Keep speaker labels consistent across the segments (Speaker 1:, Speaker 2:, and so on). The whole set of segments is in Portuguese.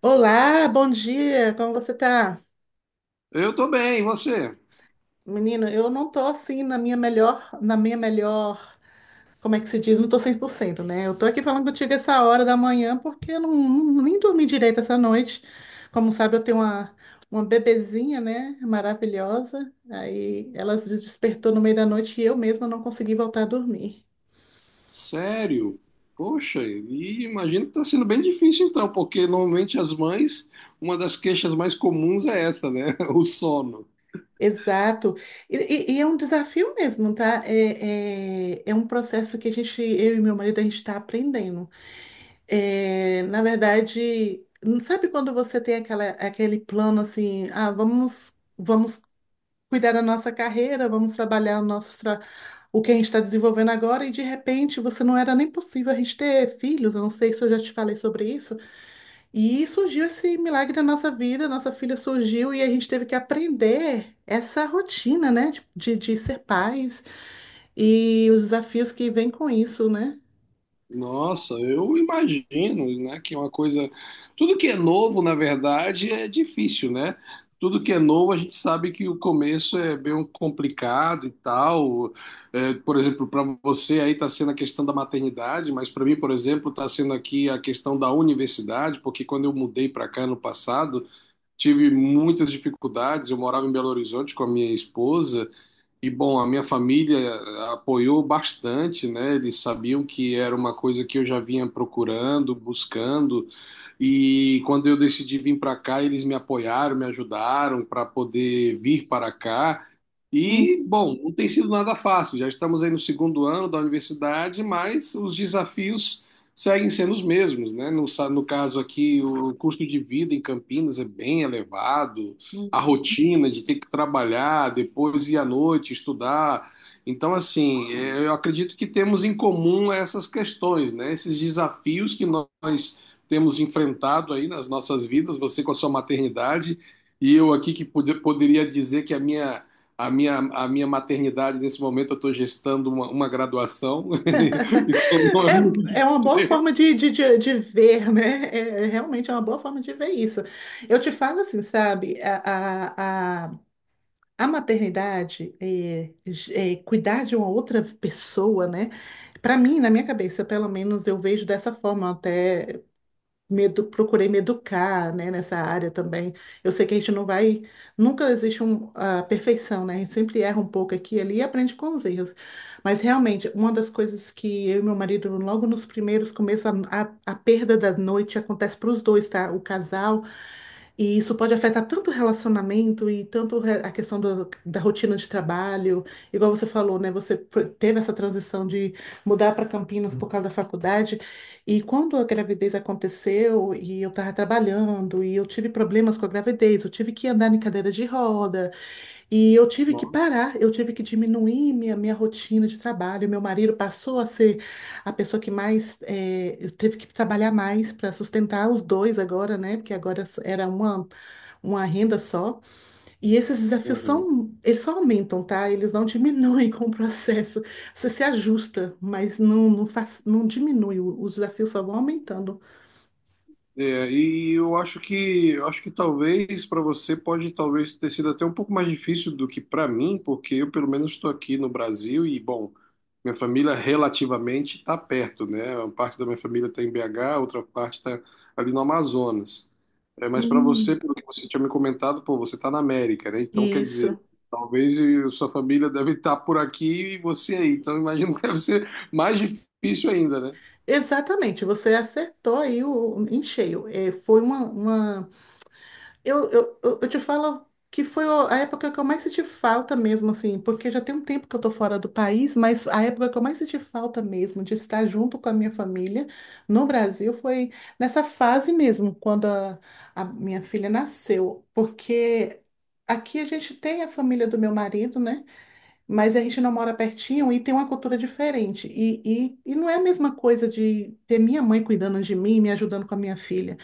Speaker 1: Olá, bom dia. Como você tá?
Speaker 2: Eu tô bem, e você?
Speaker 1: Menina, eu não tô assim na minha melhor, como é que se diz? Não tô 100%, né? Eu tô aqui falando contigo essa hora da manhã porque eu nem dormi direito essa noite. Como sabe, eu tenho uma bebezinha, né? Maravilhosa. Aí ela se despertou no meio da noite e eu mesma não consegui voltar a dormir.
Speaker 2: Sério? Poxa, e imagino que tá sendo bem difícil então, porque normalmente as mães, uma das queixas mais comuns é essa, né? O sono.
Speaker 1: Exato. E é um desafio mesmo, tá? É um processo que a gente, eu e meu marido, a gente está aprendendo. É, na verdade, sabe quando você tem aquela, aquele plano assim, vamos cuidar da nossa carreira, vamos trabalhar o que a gente está desenvolvendo agora, e de repente você não era nem possível a gente ter filhos, eu não sei se eu já te falei sobre isso, e surgiu esse milagre na nossa vida, nossa filha surgiu e a gente teve que aprender essa rotina, né, de ser pais e os desafios que vêm com isso, né?
Speaker 2: Nossa, eu imagino, né, que é uma coisa. Tudo que é novo, na verdade, é difícil, né? Tudo que é novo, a gente sabe que o começo é bem complicado e tal. É, por exemplo, para você aí está sendo a questão da maternidade, mas para mim, por exemplo, está sendo aqui a questão da universidade, porque quando eu mudei para cá no passado, tive muitas dificuldades. Eu morava em Belo Horizonte com a minha esposa. E bom, a minha família apoiou bastante, né? Eles sabiam que era uma coisa que eu já vinha procurando, buscando, e quando eu decidi vir para cá, eles me apoiaram, me ajudaram para poder vir para cá. E, bom, não tem sido nada fácil. Já estamos aí no segundo ano da universidade, mas os desafios seguem sendo os mesmos, né? No caso aqui, o custo de vida em Campinas é bem elevado, a rotina de ter que trabalhar, depois ir à noite estudar. Então, assim, é, eu acredito que temos em comum essas questões, né? Esses desafios que nós temos enfrentado aí nas nossas vidas, você com a sua maternidade e eu aqui que poderia dizer que a minha a minha maternidade, nesse momento, eu estou gestando uma graduação. Não é muito
Speaker 1: É uma boa
Speaker 2: diferente.
Speaker 1: forma de ver, né? É realmente uma boa forma de ver isso. Eu te falo assim, sabe? A maternidade, cuidar de uma outra pessoa, né? Para mim, na minha cabeça, pelo menos, eu vejo dessa forma até procurei me educar, né, nessa área também. Eu sei que a gente não vai, nunca existe a perfeição, né? A gente sempre erra um pouco aqui e ali e aprende com os erros. Mas realmente, uma das coisas que eu e meu marido, logo nos primeiros começos, a perda da noite acontece para os dois, tá? O casal e isso pode afetar tanto o relacionamento e tanto a questão da rotina de trabalho. Igual você falou, né? Você teve essa transição de mudar para Campinas por causa da faculdade. E quando a gravidez aconteceu e eu estava trabalhando e eu tive problemas com a gravidez, eu tive que andar em cadeira de roda e eu tive que
Speaker 2: Não.
Speaker 1: parar, eu tive que diminuir minha rotina de trabalho. Meu marido passou a ser a pessoa que mais teve que trabalhar mais para sustentar os dois agora, né? Porque agora era uma renda só, e esses desafios
Speaker 2: Uhum.
Speaker 1: são, eles só aumentam, tá? Eles não diminuem com o processo. Você se ajusta, mas não faz, não diminui, os desafios só vão aumentando.
Speaker 2: É, e eu acho que talvez para você pode talvez ter sido até um pouco mais difícil do que para mim, porque eu pelo menos estou aqui no Brasil e bom, minha família relativamente está perto, né? Uma parte da minha família está em BH, outra parte está ali no Amazonas. É, mas para você,
Speaker 1: Hum,
Speaker 2: pelo que você tinha me comentado, pô, você está na América, né? Então quer dizer,
Speaker 1: isso.
Speaker 2: talvez sua família deve estar por aqui e você aí. Então imagino que deve ser mais difícil ainda, né?
Speaker 1: Exatamente, você acertou aí em cheio. É, foi uma Eu te falo que foi a época que eu mais senti falta mesmo, assim, porque já tem um tempo que eu tô fora do país, mas a época que eu mais senti falta mesmo de estar junto com a minha família no Brasil foi nessa fase mesmo, quando a minha filha nasceu, porque aqui a gente tem a família do meu marido, né? Mas a gente não mora pertinho e tem uma cultura diferente. E não é a mesma coisa de ter minha mãe cuidando de mim, me ajudando com a minha filha.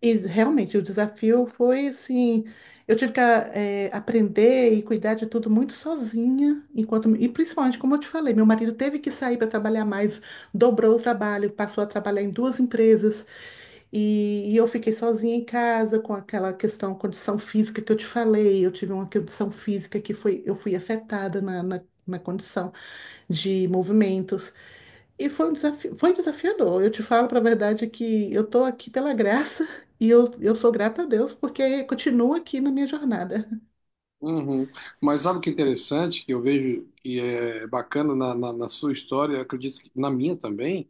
Speaker 1: E realmente, o desafio foi assim, eu tive que aprender e cuidar de tudo muito sozinha, enquanto e principalmente, como eu te falei, meu marido teve que sair para trabalhar mais, dobrou o trabalho, passou a trabalhar em duas empresas e eu fiquei sozinha em casa com aquela questão, condição física que eu te falei, eu tive uma condição física que foi, eu fui afetada na, na condição de movimentos. E foi um desafio, foi desafiador. Eu te falo para a verdade que eu estou aqui pela graça e eu sou grata a Deus porque continuo aqui na minha jornada.
Speaker 2: Uhum. Mas sabe o que é interessante, que eu vejo que é bacana na sua história, eu acredito que na minha também,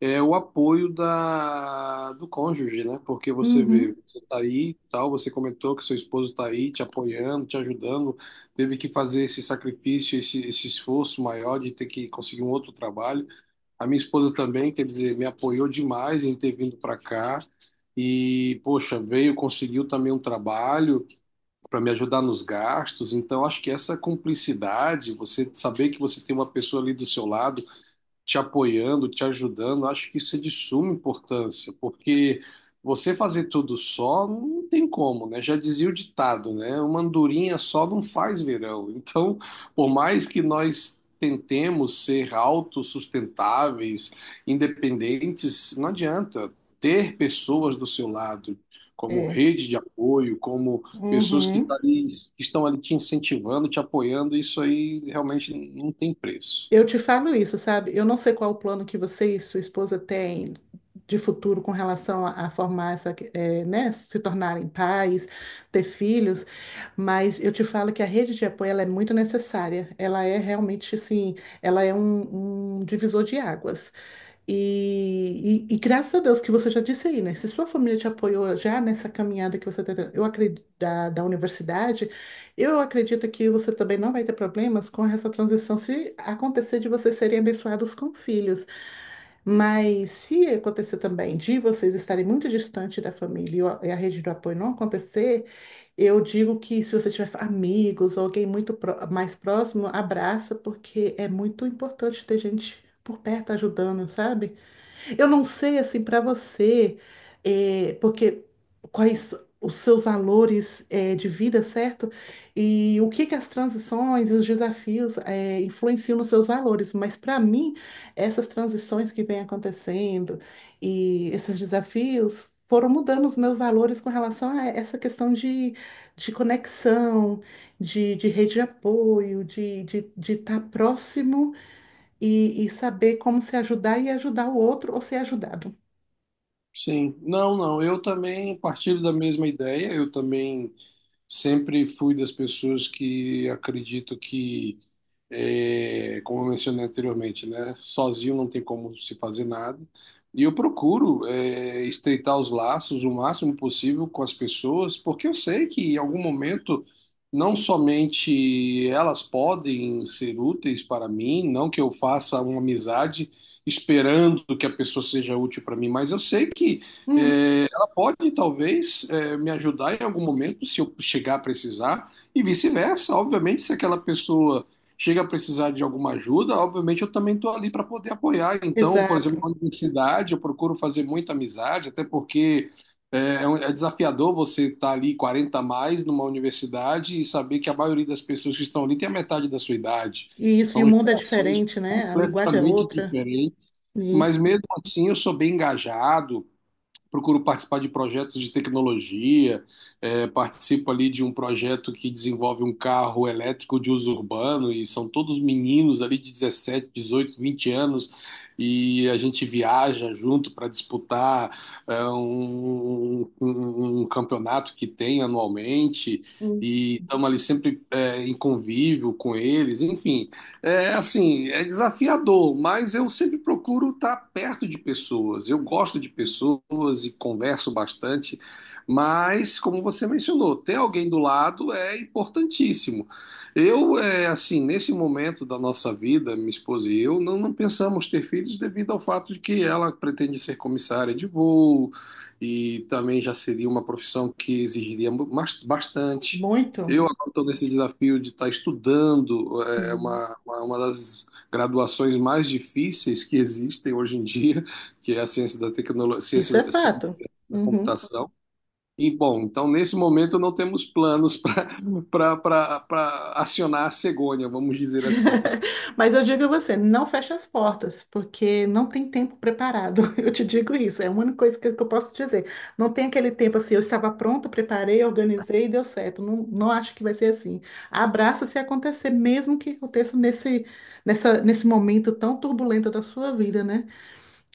Speaker 2: é o apoio da, do cônjuge, né? Porque você vê,
Speaker 1: Uhum.
Speaker 2: você tá aí, e tal, você comentou que seu esposo tá aí te apoiando, te ajudando, teve que fazer esse sacrifício, esse esforço maior de ter que conseguir um outro trabalho. A minha esposa também, quer dizer, me apoiou demais em ter vindo para cá. E, poxa, veio, conseguiu também um trabalho, para me ajudar nos gastos. Então, acho que essa cumplicidade, você saber que você tem uma pessoa ali do seu lado te apoiando, te ajudando, acho que isso é de suma importância, porque você fazer tudo só não tem como, né? Já dizia o ditado, né? Uma andorinha só não faz verão. Então, por mais que nós tentemos ser autossustentáveis, independentes, não adianta ter pessoas do seu lado. Como
Speaker 1: É.
Speaker 2: rede de apoio, como pessoas que,
Speaker 1: Uhum.
Speaker 2: que estão ali te incentivando, te apoiando, isso aí realmente não tem preço.
Speaker 1: Eu te falo isso, sabe? Eu não sei qual o plano que você e sua esposa têm de futuro com relação a formar essa, é, né, se tornarem pais, ter filhos, mas eu te falo que a rede de apoio ela é muito necessária. Ela é realmente assim, ela é um divisor de águas. E graças a Deus que você já disse aí, né? Se sua família te apoiou já nessa caminhada que você está tendo, eu acredito, da universidade, eu acredito que você também não vai ter problemas com essa transição se acontecer de vocês serem abençoados com filhos. Mas se acontecer também de vocês estarem muito distante da família e a rede do apoio não acontecer, eu digo que se você tiver amigos ou alguém muito mais próximo, abraça, porque é muito importante ter gente por perto ajudando, sabe? Eu não sei, assim, para você, porque quais os seus valores de vida, certo? E o que que as transições e os desafios influenciam nos seus valores. Mas para mim, essas transições que vêm acontecendo e esses desafios foram mudando os meus valores com relação a essa questão de, conexão, de, rede de apoio, de estar próximo e saber como se ajudar e ajudar o outro ou ser ajudado.
Speaker 2: Sim, não, não. Eu também partilho da mesma ideia. Eu também sempre fui das pessoas que acredito que como eu mencionei anteriormente, né? Sozinho não tem como se fazer nada. E eu procuro, estreitar os laços o máximo possível com as pessoas, porque eu sei que em algum momento não somente elas podem ser úteis para mim, não que eu faça uma amizade esperando que a pessoa seja útil para mim, mas eu sei que
Speaker 1: Uhum.
Speaker 2: ela pode talvez me ajudar em algum momento se eu chegar a precisar e vice-versa. Obviamente, se aquela pessoa chega a precisar de alguma ajuda, obviamente eu também estou ali para poder apoiar. Então, por exemplo,
Speaker 1: Exato.
Speaker 2: na universidade, eu procuro fazer muita amizade, até porque é desafiador você estar ali 40 a mais numa universidade e saber que a maioria das pessoas que estão ali tem a metade da sua idade.
Speaker 1: E isso, e
Speaker 2: São
Speaker 1: o mundo é
Speaker 2: gerações
Speaker 1: diferente, né? A linguagem é
Speaker 2: completamente
Speaker 1: outra.
Speaker 2: diferentes, mas
Speaker 1: Isso.
Speaker 2: mesmo assim eu sou bem engajado, procuro participar de projetos de tecnologia, participo ali de um projeto que desenvolve um carro elétrico de uso urbano, e são todos meninos ali de 17, 18, 20 anos, e a gente viaja junto para disputar um campeonato que tem anualmente,
Speaker 1: Hum.
Speaker 2: e estamos ali sempre em convívio com eles, enfim. É assim, é desafiador, mas eu sempre procuro estar perto de pessoas. Eu gosto de pessoas e converso bastante, mas como você mencionou, ter alguém do lado é importantíssimo. Eu, assim, nesse momento da nossa vida, minha esposa e eu, não, não pensamos ter filhos devido ao fato de que ela pretende ser comissária de voo e também já seria uma profissão que exigiria bastante.
Speaker 1: Muito.
Speaker 2: Eu agora estou nesse desafio de estar estudando, é
Speaker 1: Hum.
Speaker 2: uma, uma das graduações mais difíceis que existem hoje em dia, que é a ciência da tecnologia,
Speaker 1: Isso
Speaker 2: ciência,
Speaker 1: é
Speaker 2: ciência
Speaker 1: fato.
Speaker 2: da
Speaker 1: Uhum.
Speaker 2: computação. E, bom, então nesse momento não temos planos para acionar a cegonha, vamos dizer assim.
Speaker 1: Mas eu digo a você, não feche as portas, porque não tem tempo preparado. Eu te digo isso, é a única coisa que eu posso dizer. Não tem aquele tempo assim, eu estava pronta, preparei, organizei e deu certo. Não, não acho que vai ser assim. Abraça se acontecer, mesmo que aconteça nesse momento tão turbulento da sua vida, né?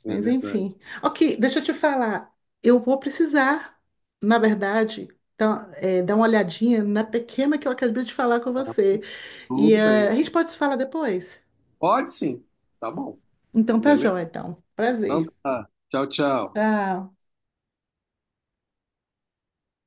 Speaker 2: É
Speaker 1: Mas
Speaker 2: verdade.
Speaker 1: enfim. Ok, deixa eu te falar. Eu vou precisar, na verdade, dar uma olhadinha na pequena que eu acabei de falar com
Speaker 2: Tá
Speaker 1: você. E
Speaker 2: tudo bem.
Speaker 1: a gente pode se falar depois?
Speaker 2: Pode sim. Tá bom.
Speaker 1: Então tá joia,
Speaker 2: Beleza?
Speaker 1: então.
Speaker 2: Então
Speaker 1: Prazer.
Speaker 2: tá. Tchau, tchau.
Speaker 1: Tchau.